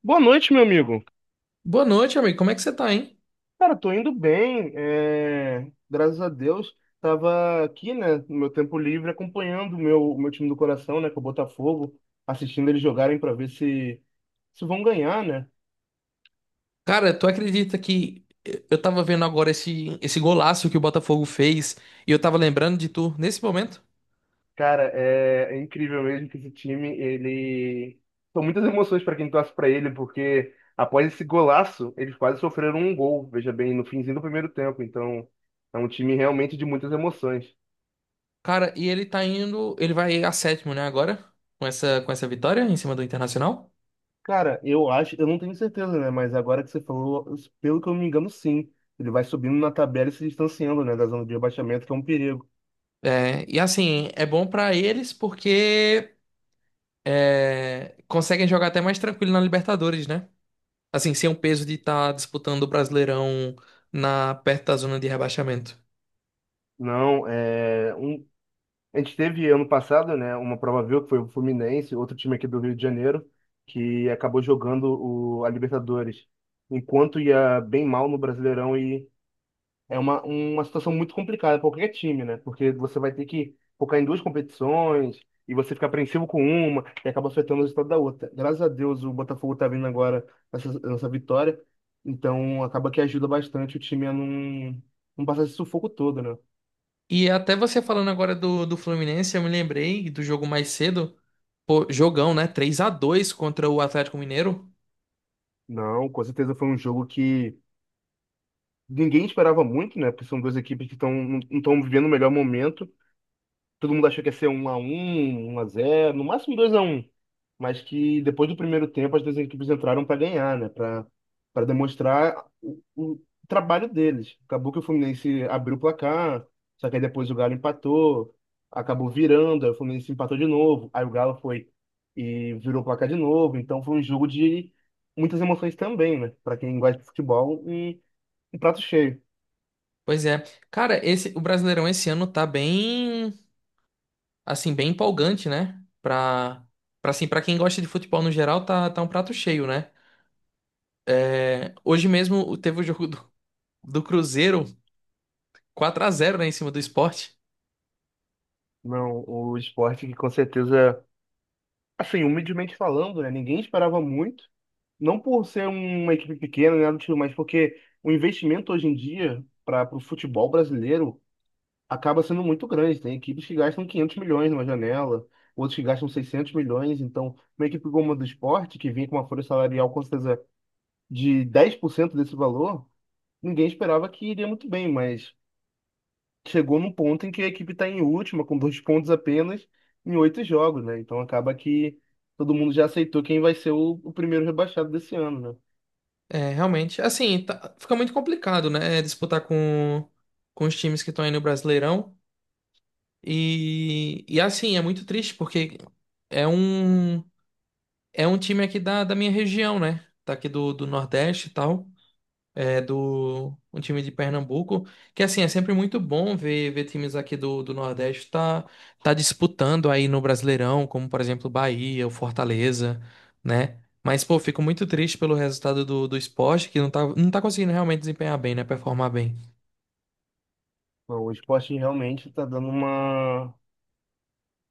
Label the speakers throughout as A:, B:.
A: Boa noite, meu amigo.
B: Boa noite, amigo. Como é que você tá, hein?
A: Cara, tô indo bem, é, graças a Deus. Tava aqui, né, no meu tempo livre, acompanhando o meu time do coração, né, que é o Botafogo, assistindo eles jogarem para ver se vão ganhar, né?
B: Cara, tu acredita que eu tava vendo agora esse golaço que o Botafogo fez e eu tava lembrando de tu nesse momento?
A: Cara, é incrível mesmo que esse time, ele. São muitas emoções para quem torce para ele, porque após esse golaço, eles quase sofreram um gol, veja bem, no finzinho do primeiro tempo. Então, é um time realmente de muitas emoções.
B: Cara, e ele tá indo, ele vai a sétimo, né, agora, com essa vitória em cima do Internacional.
A: Cara, eu acho, eu não tenho certeza, né? Mas agora que você falou, pelo que eu me engano, sim. Ele vai subindo na tabela e se distanciando, né, da zona de rebaixamento, que é um perigo.
B: É, e assim, é bom pra eles porque é, conseguem jogar até mais tranquilo na Libertadores, né? Assim, sem o peso de estar disputando o Brasileirão perto da zona de rebaixamento.
A: Não, a gente teve ano passado, né, uma prova viu que foi o Fluminense, outro time aqui do Rio de Janeiro, que acabou jogando a Libertadores, enquanto ia bem mal no Brasileirão e é uma situação muito complicada para qualquer time, né? Porque você vai ter que focar em duas competições e você fica apreensivo com uma e acaba afetando o resultado da outra. Graças a Deus o Botafogo tá vindo agora nessa vitória, então acaba que ajuda bastante o time a não passar esse sufoco todo, né?
B: E até você falando agora do Fluminense, eu me lembrei do jogo mais cedo. Pô, jogão, né? 3-2 contra o Atlético Mineiro.
A: Não, com certeza foi um jogo que ninguém esperava muito, né? Porque são duas equipes que estão não estão vivendo o melhor momento. Todo mundo achou que ia ser 1-1, 1-0, no máximo 2-1. Mas que depois do primeiro tempo as duas equipes entraram para ganhar, né? Para demonstrar o trabalho deles. Acabou que o Fluminense abriu o placar, só que aí depois o Galo empatou, acabou virando, aí o Fluminense empatou de novo, aí o Galo foi e virou o placar de novo. Então foi um jogo de muitas emoções também, né? Para quem gosta de futebol, um prato cheio.
B: Pois é. Cara, o Brasileirão esse ano tá bem, assim, bem empolgante, né? Pra, assim, pra quem gosta de futebol no geral, tá um prato cheio, né? É, hoje mesmo teve o jogo do Cruzeiro, 4-0, né, em cima do Sport.
A: Não, o esporte que com certeza, assim, humildemente falando, né? Ninguém esperava muito. Não por ser uma equipe pequena, né, do tipo, mas porque o investimento hoje em dia para o futebol brasileiro acaba sendo muito grande. Tem equipes que gastam 500 milhões numa janela, outros que gastam 600 milhões. Então, uma equipe como a do esporte, que vinha com uma folha salarial com certeza de 10% desse valor, ninguém esperava que iria muito bem. Mas chegou num ponto em que a equipe está em última, com 2 pontos apenas, em 8 jogos, né? Então acaba que todo mundo já aceitou quem vai ser o primeiro rebaixado desse ano, né?
B: É, realmente, assim, fica muito complicado, né? Disputar com os times que estão aí no Brasileirão. E assim, é muito triste porque é um, é um time aqui da minha região, né? Tá aqui do Nordeste e tal. É do um time de Pernambuco. Que assim, é sempre muito bom ver, ver times aqui do Nordeste tá disputando aí no Brasileirão, como por exemplo o Bahia, o Fortaleza, né? Mas, pô, fico muito triste pelo resultado do esporte, que não tá conseguindo realmente desempenhar bem, né? Performar bem.
A: Bom, o esporte realmente está dando uma,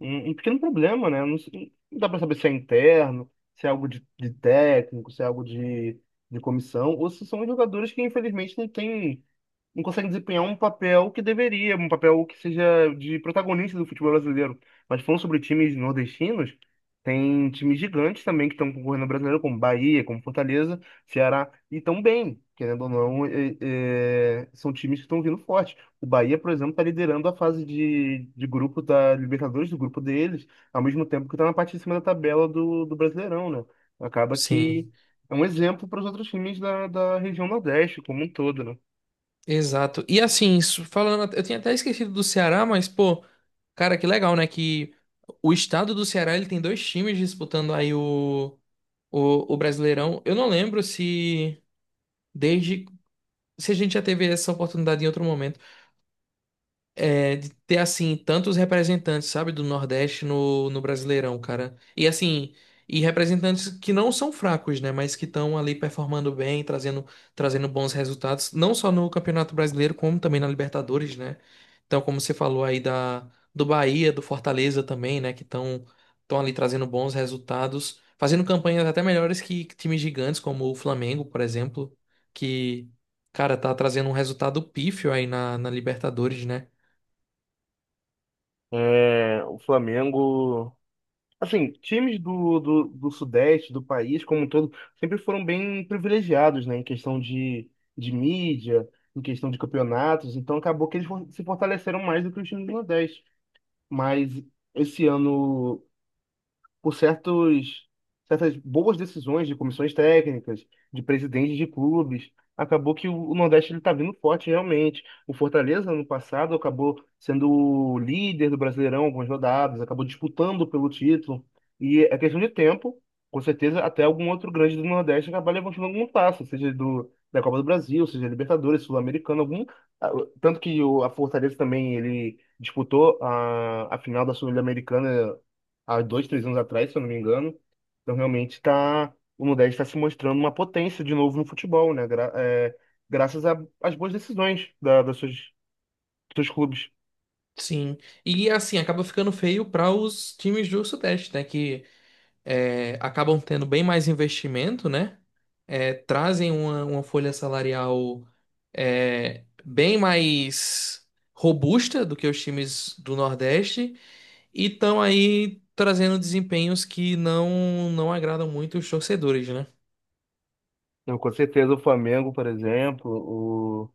A: um, um pequeno problema, né? Não, não dá para saber se é interno, se é algo de técnico, se é algo de comissão, ou se são jogadores que infelizmente não têm. Não consegue desempenhar um papel que deveria, um papel que seja de protagonista do futebol brasileiro. Mas falando sobre times nordestinos, tem times gigantes também que estão concorrendo ao brasileiro, como Bahia, como Fortaleza, Ceará, e estão bem, querendo ou não, são times que estão vindo forte. O Bahia, por exemplo, está liderando a fase de grupo da Libertadores, do grupo deles, ao mesmo tempo que está na parte de cima da tabela do Brasileirão, né? Acaba
B: Sim.
A: que é um exemplo para os outros times da região Nordeste como um todo, né?
B: Exato. E assim, falando, eu tinha até esquecido do Ceará, mas pô, cara, que legal, né? Que o estado do Ceará ele tem dois times disputando aí o Brasileirão. Eu não lembro desde se a gente já teve essa oportunidade em outro momento é, de ter assim tantos representantes, sabe, do Nordeste no Brasileirão, cara. E assim, e representantes que não são fracos, né, mas que estão ali performando bem, trazendo bons resultados, não só no Campeonato Brasileiro, como também na Libertadores, né? Então, como você falou aí da do Bahia, do Fortaleza também, né, que estão ali trazendo bons resultados, fazendo campanhas até melhores que times gigantes como o Flamengo, por exemplo, que cara, tá trazendo um resultado pífio aí na Libertadores, né?
A: É, o Flamengo, assim, times do Sudeste, do país como um todo, sempre foram bem privilegiados, né, em questão de mídia, em questão de campeonatos, então acabou que eles se fortaleceram mais do que os times do Nordeste. Mas esse ano por certas boas decisões de comissões técnicas, de presidentes de clubes. Acabou que o Nordeste ele está vindo forte realmente. O Fortaleza, ano passado, acabou sendo o líder do Brasileirão algumas rodadas, acabou disputando pelo título. E é questão de tempo, com certeza, até algum outro grande do Nordeste acabar levantando algum passo, seja da Copa do Brasil, seja Libertadores, Sul-Americano, algum. ah, Tanto que a Fortaleza também ele disputou a final da Sul-Americana há dois, três anos atrás, se eu não me engano. Então, realmente, tá, o Nordeste está se mostrando uma potência de novo no futebol, né? Graças às boas decisões dos seus clubes.
B: Sim, e assim, acaba ficando feio para os times do Sudeste, né? Que é, acabam tendo bem mais investimento, né? É, trazem uma folha salarial é, bem mais robusta do que os times do Nordeste e estão aí trazendo desempenhos que não agradam muito os torcedores, né?
A: Então, com certeza, o Flamengo, por exemplo,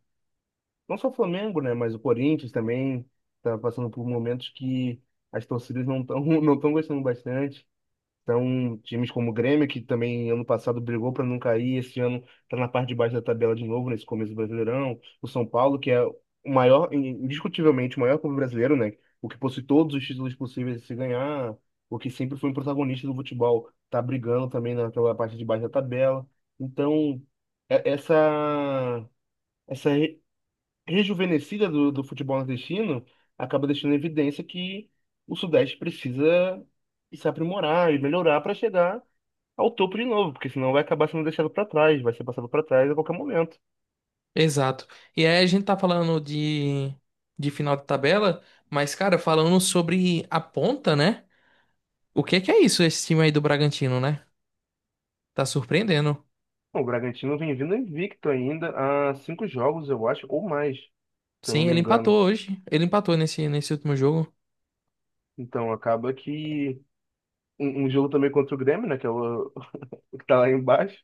A: não só o Flamengo, né? Mas o Corinthians também está passando por momentos que as torcidas não estão não estão gostando bastante. Então, times como o Grêmio, que também ano passado brigou para não cair, esse ano está na parte de baixo da tabela de novo, nesse começo do Brasileirão. O São Paulo, que é o maior, indiscutivelmente, o maior clube brasileiro, né? O que possui todos os títulos possíveis de se ganhar, o que sempre foi um protagonista do futebol, está brigando também naquela parte de baixo da tabela. Então, é- essa, essa rejuvenescida do futebol nordestino acaba deixando em evidência que o Sudeste precisa se aprimorar e melhorar para chegar ao topo de novo, porque senão vai acabar sendo deixado para trás, vai ser passado para trás a qualquer momento.
B: Exato. E aí a gente tá falando de final de tabela, mas, cara, falando sobre a ponta, né? O que é isso, esse time aí do Bragantino, né? Tá surpreendendo.
A: Bom, o Bragantino vem vindo invicto ainda há cinco jogos, eu acho, ou mais, se eu não
B: Sim,
A: me
B: ele
A: engano.
B: empatou hoje. Ele empatou nesse último jogo.
A: Então acaba que um jogo também contra o Grêmio, né, que é o que tá lá embaixo.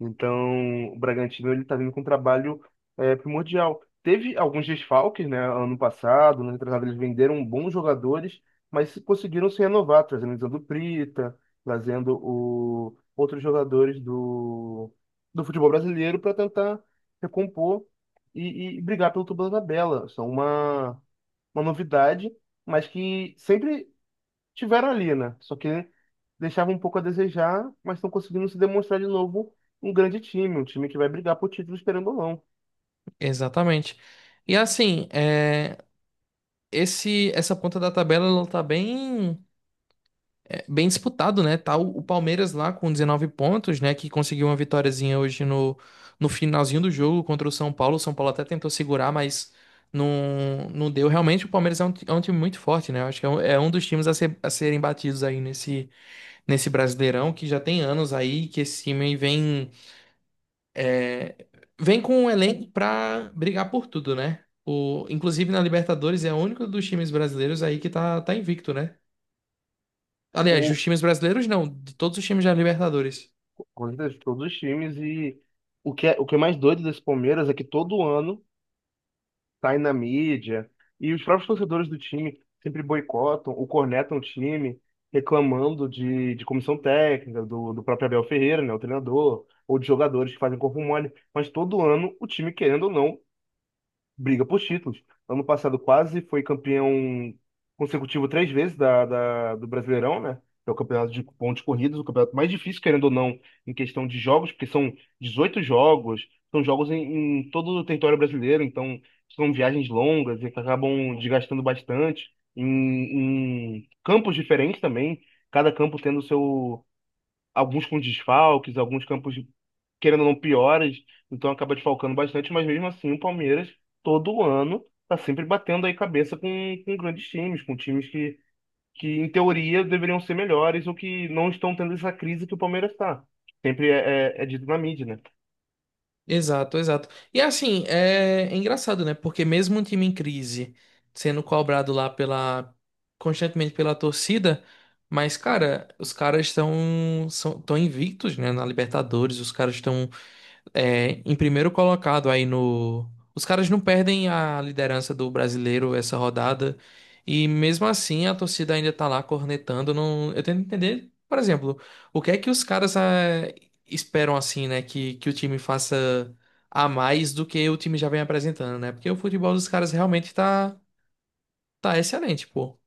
A: Então, o Bragantino ele está vindo com um trabalho primordial. Teve alguns desfalques, né? Ano passado, ano retrasado, eles venderam bons jogadores, mas conseguiram se renovar, trazendo o Zando Prita, trazendo outros jogadores do futebol brasileiro para tentar recompor e brigar pelo topo da tabela. São uma novidade, mas que sempre tiveram ali, né? Só que deixava um pouco a desejar, mas estão conseguindo se demonstrar de novo um grande time, um time que vai brigar por título, esperando ou não.
B: Exatamente. E assim, é, esse, essa ponta da tabela ela tá bem, é, bem disputado, né? Tá o Palmeiras lá com 19 pontos, né? Que conseguiu uma vitóriazinha hoje no finalzinho do jogo contra o São Paulo. O São Paulo até tentou segurar, mas não deu. Realmente, o Palmeiras é um time muito forte, né? Eu acho que é um dos times a serem batidos aí nesse Brasileirão que já tem anos aí que esse time vem é, vem com um elenco pra brigar por tudo, né? O, inclusive na Libertadores é o único dos times brasileiros aí que tá invicto, né? Aliás,
A: O,
B: dos times brasileiros não, de todos os times da Libertadores.
A: com certeza, todos os times. E o que é mais doido desse Palmeiras é que todo ano tá aí na mídia, e os próprios torcedores do time sempre boicotam ou cornetam o time, reclamando de comissão técnica, do próprio Abel Ferreira, né, o treinador, ou de jogadores que fazem corpo mole. Mas todo ano o time, querendo ou não, briga por títulos. Ano passado quase foi campeão consecutivo três vezes do Brasileirão, né? Que é o campeonato de pontos corridos, o campeonato mais difícil, querendo ou não, em questão de jogos, porque são 18 jogos, são jogos em todo o território brasileiro, então são viagens longas e que acabam desgastando bastante, em campos diferentes também, cada campo tendo seu, alguns com desfalques, alguns campos querendo ou não, piores, então acaba desfalcando bastante, mas mesmo assim o Palmeiras, todo ano, tá sempre batendo aí cabeça com grandes times, com times que, em teoria, deveriam ser melhores ou que não estão tendo essa crise que o Palmeiras tá. Sempre é dito na mídia, né?
B: Exato, exato. E assim, é, é engraçado, né? Porque mesmo um time em crise sendo cobrado lá pela constantemente pela torcida, mas cara, os caras estão tão invictos, né, na Libertadores, os caras estão é, em primeiro colocado aí no. Os caras não perdem a liderança do brasileiro essa rodada. E mesmo assim a torcida ainda tá lá cornetando. Não... Eu tento entender, por exemplo, o que é que os caras esperam assim, né? Que o time faça a mais do que o time já vem apresentando, né? Porque o futebol dos caras realmente tá, tá excelente, pô.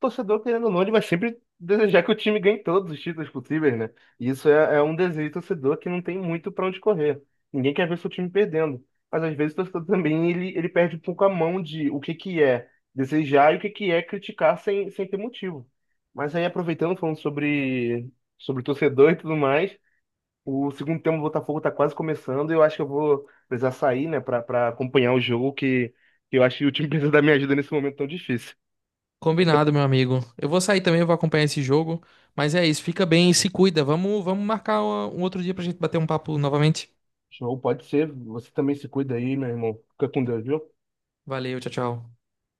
A: Torcedor, querendo ou não, ele vai sempre desejar que o time ganhe todos os títulos possíveis, né? E isso é um desejo do torcedor que não tem muito pra onde correr. Ninguém quer ver seu time perdendo. Mas às vezes o torcedor também ele perde um pouco a mão de o que que é desejar e o que que é criticar sem ter motivo. Mas aí aproveitando, falando sobre torcedor e tudo mais, o segundo tempo do Botafogo tá quase começando e eu acho que eu vou precisar sair, né, pra acompanhar o jogo que eu acho que o time precisa da minha ajuda nesse momento tão difícil.
B: Combinado, meu amigo. Eu vou sair também, eu vou acompanhar esse jogo. Mas é isso, fica bem e se cuida. Vamos marcar um outro dia pra gente bater um papo novamente.
A: Show, pode ser. Você também se cuida aí, meu irmão. Fica com Deus, viu?
B: Valeu, tchau, tchau.